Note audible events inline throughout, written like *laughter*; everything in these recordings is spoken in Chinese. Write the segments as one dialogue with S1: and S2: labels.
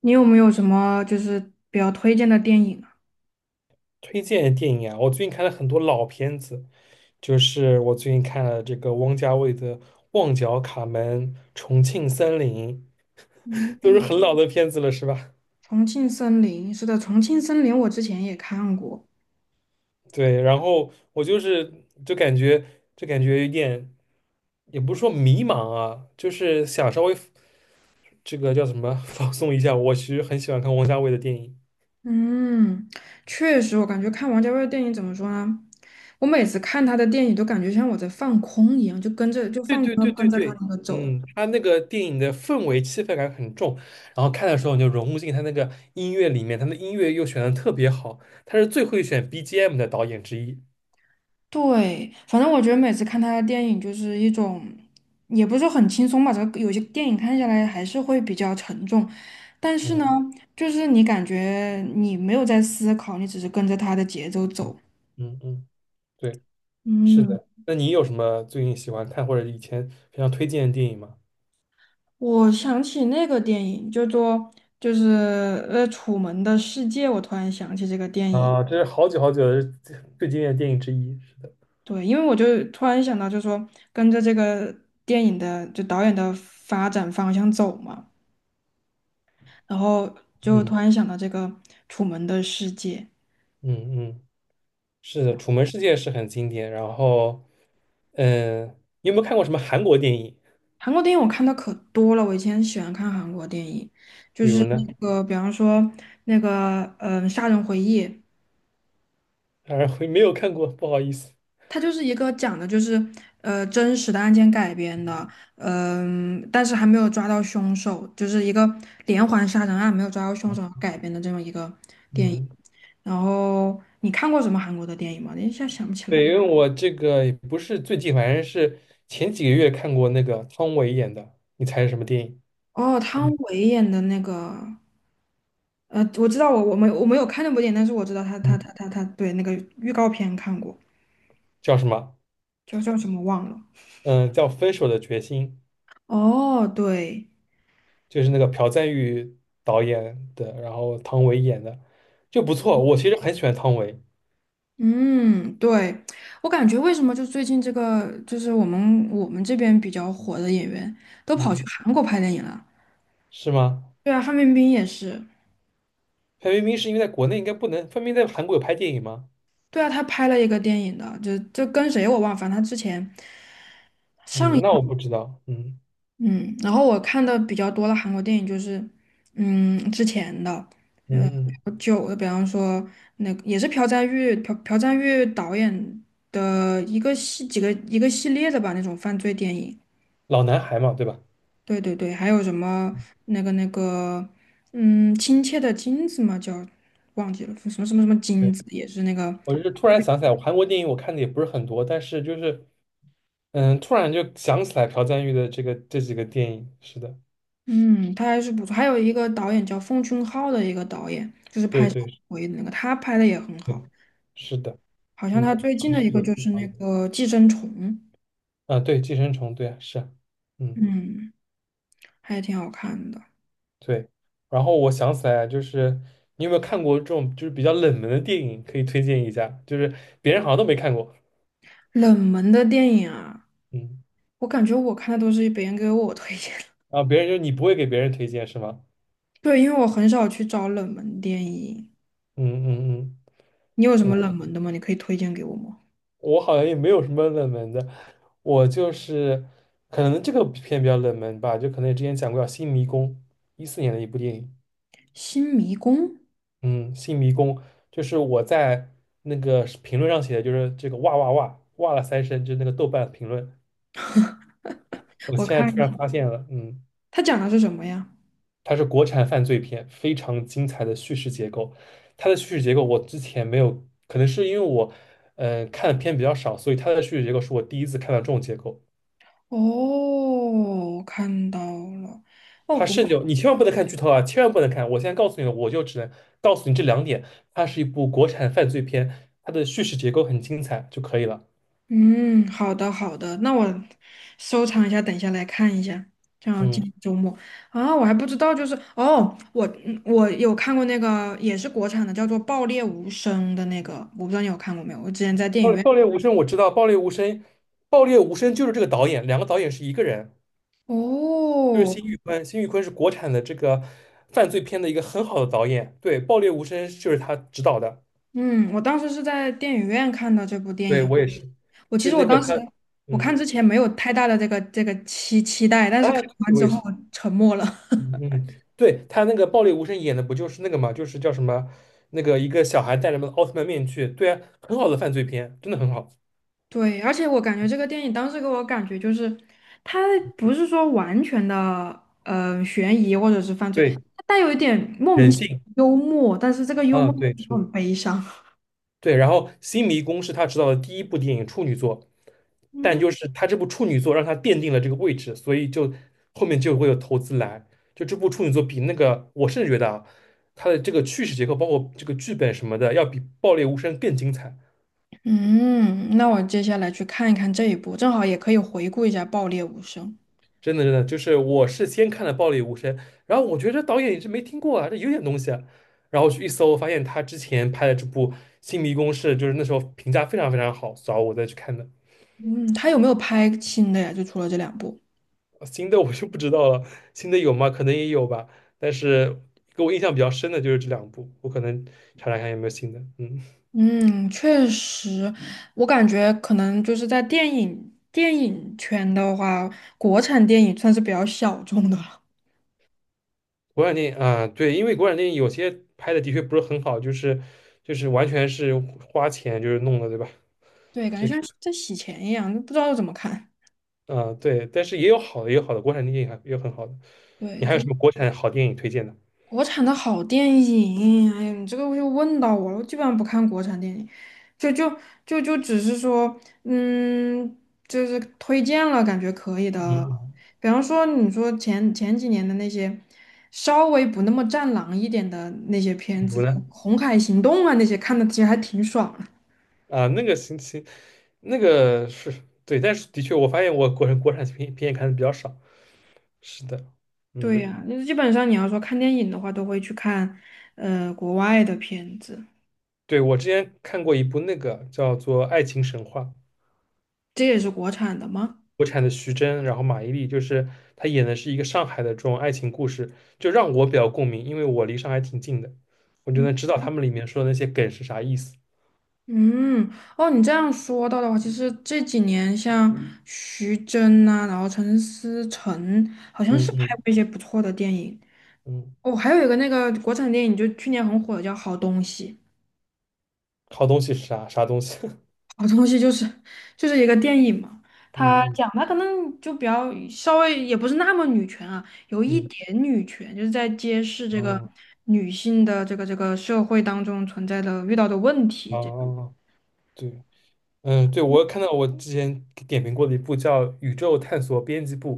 S1: 你有没有什么就是比较推荐的电影啊？
S2: 推荐的电影啊，我最近看了很多老片子，就是我最近看了这个王家卫的《旺角卡门》《重庆森林》，都是
S1: 嗯，
S2: 很老的片子了，是吧？
S1: 《重庆森林》是的，《重庆森林》我之前也看过。
S2: 对，然后我就感觉就感觉有点，也不是说迷茫啊，就是想稍微这个叫什么 *laughs* 放松一下。我其实很喜欢看王家卫的电影。
S1: 嗯，确实，我感觉看王家卫的电影怎么说呢？我每次看他的电影都感觉像我在放空一样，就跟着就
S2: 对
S1: 放
S2: 对对
S1: 空跟
S2: 对
S1: 着他
S2: 对，
S1: 那个走。
S2: 嗯，他那个电影的氛围气氛感很重，然后看的时候你就融入进他那个音乐里面，他的音乐又选的特别好，他是最会选 BGM 的导演之一。
S1: 对，反正我觉得每次看他的电影就是一种，也不是说很轻松吧，这个有些电影看下来还是会比较沉重，但是
S2: 嗯
S1: 呢，就是你感觉你没有在思考，你只是跟着他的节奏走。
S2: 嗯嗯，对，是
S1: 嗯，
S2: 的。那你有什么最近喜欢看或者以前非常推荐的电影吗？
S1: 我想起那个电影，就做就是《楚门的世界》，我突然想起这个电影。
S2: 啊，这是好久好久的最最经典的电影之一。是的，
S1: 对，因为我就突然想到，就是说跟着这个电影的就导演的发展方向走嘛。然后就突
S2: 嗯
S1: 然想到这个《楚门的世界》。
S2: 嗯嗯，是的，《楚门世界》是很经典。然后，嗯，你有没有看过什么韩国电影？
S1: 韩国电影我看的可多了。我以前喜欢看韩国电影，就
S2: 比
S1: 是
S2: 如
S1: 那
S2: 呢？
S1: 个，比方说那个，嗯、杀人回忆》，
S2: 啊，没有看过，不好意思。
S1: 它就是一个讲的就是真实的案件改编的，嗯、但是还没有抓到凶手，就是一个连环杀人案没有抓到凶手改编的这么一个。
S2: 嗯，
S1: 然后你看过什么韩国的电影吗？我一下想不起
S2: 对，
S1: 来。
S2: 因为我这个也不是最近，反正是前几个月看过那个汤唯演的，你猜是什么电影？
S1: 哦，汤唯演的那个。我知道我没我没有看那部电影，但是我知道他他
S2: 嗯，
S1: 他他他对那个预告片看过，
S2: 叫什么？
S1: 叫叫什么忘了。
S2: 嗯，叫《分手的决心》，
S1: 哦，对。
S2: 就是那个朴赞郁导演的，然后汤唯演的，就不错。我其实很喜欢汤唯，
S1: 嗯，对，我感觉为什么就最近这个就是我们这边比较火的演员都跑去
S2: 嗯，
S1: 韩国拍电影了。
S2: 是吗？
S1: 对啊，范冰冰也是。
S2: 范冰冰是因为在国内应该不能，范冰冰在韩国有拍电影吗？
S1: 对啊，她拍了一个电影的，就跟谁我忘了，反正她之前上
S2: 嗯，
S1: 一
S2: 那我不知道。嗯
S1: 嗯，然后我看的比较多的韩国电影就是嗯之前的。
S2: 嗯，
S1: 久的，比方说那个也是朴赞郁朴赞郁导演的一个系几个一个系列的吧，那种犯罪电影。
S2: 老男孩嘛，对吧？
S1: 对，还有什么那个嗯，亲切的金子嘛，叫忘记了什么什么什么金
S2: 对，
S1: 子，也是那个
S2: 我就是突然想起来，我韩国电影我看的也不是很多，但是就是嗯，突然就想起来朴赞郁的这个这几个电影，是的，
S1: 嗯，他还是不错。还有一个导演叫奉俊昊的一个导演，就是
S2: 对
S1: 拍杀
S2: 对
S1: 人回忆的那个，他拍的也很好。
S2: 对，是的，
S1: 好像
S2: 嗯，
S1: 他
S2: 还
S1: 最近
S2: 是
S1: 的一个
S2: 有
S1: 就
S2: 些
S1: 是
S2: 导
S1: 那
S2: 演
S1: 个《寄生虫》，
S2: 啊，对，《寄生虫》，对啊，是啊，嗯，
S1: 嗯，还挺好看的。
S2: 对，然后我想起来啊，就是你有没有看过这种就是比较冷门的电影，可以推荐一下，就是别人好像都没看过，
S1: 冷门的电影啊。
S2: 嗯，
S1: 我感觉我看的都是别人给我推荐的。
S2: 然后别人就是你不会给别人推荐是吗？
S1: *laughs* 对，因为我很少去找冷门电影。
S2: 嗯嗯
S1: 你有什
S2: 嗯
S1: 么冷
S2: 嗯，
S1: 门的吗？你可以推荐给我吗？
S2: 我好像也没有什么冷门的，我就是可能这个片比较冷门吧，就可能也之前讲过叫《新迷宫》，14年的一部电影。
S1: 《新迷宫》，
S2: 嗯，新迷宫就是我在那个是评论上写的，就是这个哇哇哇哇了三声，就是那个豆瓣评论。我
S1: 我
S2: 现在
S1: 看
S2: 突
S1: 一
S2: 然
S1: 下，
S2: 发现了，嗯，
S1: 它讲的是什么呀？
S2: 它是国产犯罪片，非常精彩的叙事结构。它的叙事结构我之前没有，可能是因为我，看的片比较少，所以它的叙事结构是我第一次看到这种结构。
S1: 哦，我看到了，哦，
S2: 它
S1: 国。
S2: 甚至有你千万不能看剧透啊，千万不能看！我现在告诉你了，我就只能告诉你这两点。它是一部国产犯罪片，它的叙事结构很精彩就可以了。
S1: 嗯，好的，那我收藏一下，等一下来看一下，这样今
S2: 嗯。
S1: 天周末啊，我还不知道，就是哦，我嗯我有看过那个也是国产的，叫做《爆裂无声》的那个，我不知道你有看过没有？我之前在电
S2: 爆
S1: 影
S2: 裂
S1: 院。
S2: 爆裂无声我知道，爆裂无声，爆裂无声就是这个导演，两个导演是一个人，就是
S1: 哦，
S2: 辛玉坤，辛玉坤是国产的这个犯罪片的一个很好的导演，对，爆裂无声就是他执导的，
S1: 嗯，我当时是在电影院看的这部电
S2: 对
S1: 影。
S2: 我也是，
S1: 我其
S2: 就
S1: 实我
S2: 那个
S1: 当时
S2: 他，
S1: 我看
S2: 嗯
S1: 之前没有太大的这个期待，但
S2: 啊，
S1: 是看完
S2: 我
S1: 之
S2: 也
S1: 后
S2: 是，
S1: 我沉默了。
S2: 嗯，嗯对他那个爆裂无声演的不就是那个嘛，就是叫什么那个一个小孩戴着奥特曼面具，对啊，很好的犯罪片，真的很好，
S1: *laughs* 对，而且我感觉这个电影当时给我感觉就是，它不是说完全的悬疑或者是犯罪，
S2: 对，
S1: 它带有一点莫名
S2: 人
S1: 其妙
S2: 性
S1: 的幽默，但是这个幽
S2: 啊，
S1: 默
S2: 对
S1: 就
S2: 是的
S1: 很悲伤。*laughs*
S2: 对，然后《新迷宫》是他执导的第一部电影处女作，但
S1: 嗯
S2: 就是他这部处女作让他奠定了这个位置，所以就后面就会有投资来。就这部处女作比那个，我甚至觉得啊，他的这个叙事结构，包括这个剧本什么的，要比《爆裂无声》更精彩。
S1: 嗯，那我接下来去看一看这一部，正好也可以回顾一下《爆裂无声》。
S2: 真的，真的，就是我是先看了《爆裂无声》，然后我觉得这导演也是没听过啊，这有点东西啊。然后去一搜，发现他之前拍的这部《新迷宫》是就是那时候评价非常非常好，所以我再去看的。
S1: 嗯，他有没有拍新的呀？就除了这两部。
S2: 新的我就不知道了，新的有吗？可能也有吧，但是给我印象比较深的就是这两部，我可能查查看有没有新的。嗯，
S1: 嗯，确实，我感觉可能就是在电影圈的话，国产电影算是比较小众的了。
S2: 国产电影啊，对，因为国产电影有些拍的的确不是很好，就是完全是花钱就是弄的，对吧？
S1: 对，感觉
S2: 这个
S1: 像在洗钱一样，不知道怎么看。
S2: 啊，对，但是也有好的，也有好的，国产电影还也有很好的。你
S1: 对，
S2: 还有
S1: 就。
S2: 什么国产好电影推荐的？
S1: 国产的好电影，哎呀，你这个又问到我了，我基本上不看国产电影，就就就只是说，嗯，就是推荐了感觉可以
S2: 嗯，
S1: 的，
S2: 嗯
S1: 比方说你说前几年的那些稍微不那么战狼一点的那些片
S2: 比
S1: 子，
S2: 如
S1: 像
S2: 呢？
S1: 《红海行动》啊那些，看的其实还挺爽的。
S2: 啊，那个星期那个是对，但是的确我发现我国人国产片也看的比较少。是的，
S1: 对
S2: 嗯。
S1: 呀，那基本上你要说看电影的话，都会去看国外的片子。
S2: 对，我之前看过一部那个叫做《爱情神话》，
S1: 这也是国产的吗？
S2: 国产的徐峥，然后马伊琍，就是她演的是一个上海的这种爱情故事，就让我比较共鸣，因为我离上海挺近的，我就能知道他们里面说的那些梗是啥意思。
S1: 嗯，哦，你这样说到的话，其实这几年像嗯徐峥呐、然后陈思诚，好像
S2: 嗯
S1: 是拍
S2: 嗯
S1: 过一些不错的电影。
S2: 嗯，
S1: 哦，还有一个那个国产电影，就去年很火的叫《好东西》。
S2: 好东西是啥啥东西？
S1: 好东西就是就是一个电影嘛，
S2: *laughs*
S1: 它
S2: 嗯
S1: 讲它可能就比较稍微也不是那么女权啊，有一
S2: 嗯嗯，
S1: 点女权，就是在揭示这个
S2: 哦
S1: 女性的这个社会当中存在的遇到的问题这个
S2: 哦，对，嗯对，我看到我之前给点评过的一部叫《宇宙探索编辑部》，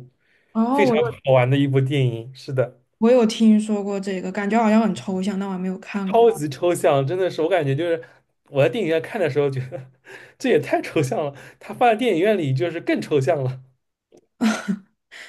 S1: 哦，
S2: 非常
S1: 我
S2: 好玩的一部电影。是的。
S1: 我有听说过这个，感觉好像很抽象，但我还没有看过。
S2: 超级抽象，真的是我感觉就是我在电影院看的时候觉得 *laughs* 这也太抽象了，它放在电影院里就是更抽象了。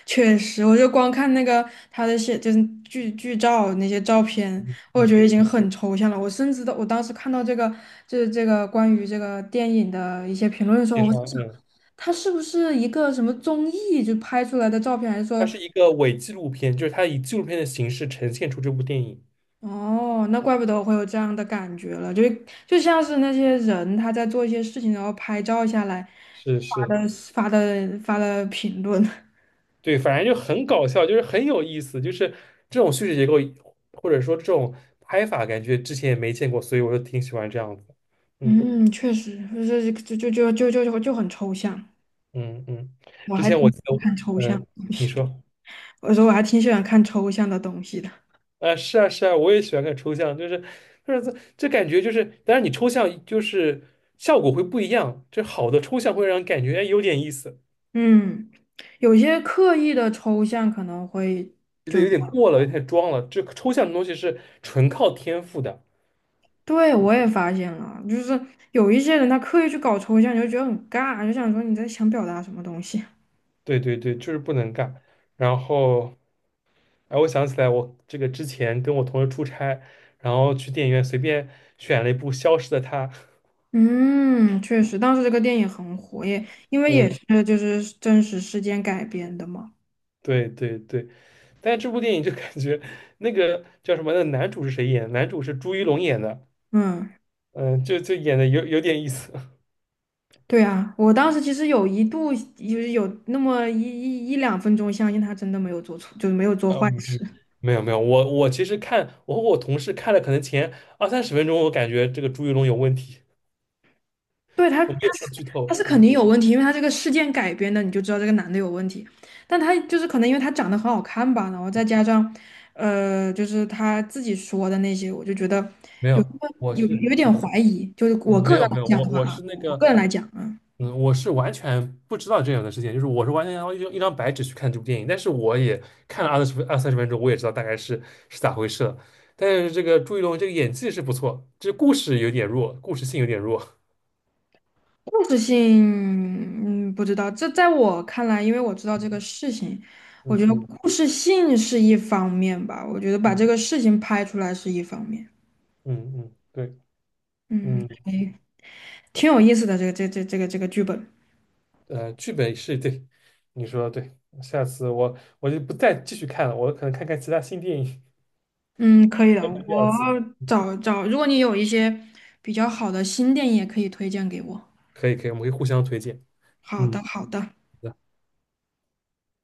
S1: 确实，我就光看那个他的写，就是剧照那些照片，我
S2: 嗯，
S1: 觉得已经
S2: 对，
S1: 很抽象了。我甚至都，我当时看到这个，就是这个关于这个电影的一些评论的时
S2: 介
S1: 候，我在
S2: 绍，
S1: 想，
S2: 嗯，
S1: 他是不是一个什么综艺就拍出来的照片，还是
S2: 它
S1: 说，
S2: 是一个伪纪录片，就是它以纪录片的形式呈现出这部电影。
S1: 哦，那怪不得我会有这样的感觉了，就就像是那些人他在做一些事情，然后拍照下来
S2: 是
S1: 发
S2: 是，
S1: 的发的发的评论。
S2: 对，反正就很搞笑，就是很有意思，就是这种叙事结构或者说这种拍法，感觉之前也没见过，所以我就挺喜欢这样子。嗯
S1: 嗯，确实，就是就很抽象。
S2: 嗯嗯，
S1: 我
S2: 之
S1: 还
S2: 前
S1: 挺
S2: 我
S1: 喜
S2: 记
S1: 欢
S2: 得，
S1: 看抽象，
S2: 嗯，你说。
S1: 我说我还挺喜欢看抽象的东西的。
S2: 是啊，是啊，我也喜欢看抽象，就是，就是这感觉就是，当然你抽象就是效果会不一样，这好的抽象会让人感觉哎有点意思，
S1: 嗯，有些刻意的抽象可能会，
S2: 有点有点过了，有点装了。这抽象的东西是纯靠天赋的，
S1: 对，我也发现了，就是有一些人他刻意去搞抽象，你就觉得很尬，就想说你在想表达什么东西。
S2: 对对对，就是不能干。然后，哎，我想起来，我这个之前跟我同事出差，然后去电影院随便选了一部《消失的她》，
S1: 嗯，确实，当时这个电影很火，也因为也
S2: 嗯，
S1: 是就是真实事件改编的嘛。
S2: 对对对，但是这部电影就感觉那个叫什么，那个男主是谁演的男主是朱一龙演的。
S1: 嗯。
S2: 嗯，就就演的有点意思。*laughs*
S1: 对啊，我当时其实有一度就是有那么一一两分钟，相信他真的没有做错，就是没有做坏
S2: 嗯，
S1: 事。
S2: 没有没有，我其实看，我和我同事看了，可能前二三十分钟，我感觉这个朱一龙有问题，
S1: 对他，他
S2: 我没有
S1: 是
S2: 看剧
S1: 他
S2: 透。
S1: 是肯
S2: 嗯，
S1: 定有问题，因为他这个事件改编的，你就知道这个男的有问题。但他就是可能因为他长得很好看吧，然后再加上，就是他自己说的那些，我就觉得
S2: 没
S1: 有
S2: 有，
S1: 那么
S2: 我
S1: 有
S2: 是
S1: 有一点
S2: 嗯
S1: 怀疑。就是
S2: 嗯
S1: 我
S2: 没
S1: 个人
S2: 有
S1: 来
S2: 没有，
S1: 讲
S2: 我
S1: 的话
S2: 我
S1: 啊，
S2: 是那
S1: 我
S2: 个
S1: 个人来讲啊。
S2: 嗯，我是完全不知道这样的事情，就是我是完全要用一张白纸去看这部电影，但是我也看了二三十分钟，我也知道大概是是咋回事了。但是这个朱一龙这个演技是不错，这故事有点弱，故事性有点弱。
S1: 故事性，嗯，不知道。这在我看来，因为我知道这个事情，
S2: *laughs*
S1: 我
S2: 嗯
S1: 觉得
S2: 嗯
S1: 故事性是一方面吧。我觉得把这
S2: 嗯
S1: 个事情拍出来是一方面，
S2: 嗯嗯，对。
S1: 嗯，
S2: 嗯。
S1: 哎，挺有意思的。这个剧本，
S2: 剧本是对，你说的对。下次我就不再继续看了，我可能看看其他新电影，
S1: 嗯，可以的。
S2: *laughs* 第二
S1: 我
S2: 次。
S1: 找找，如果你有一些比较好的新电影，也可以推荐给我。
S2: 可以可以，我们可以互相推荐。
S1: 好的，
S2: 嗯。
S1: 好的。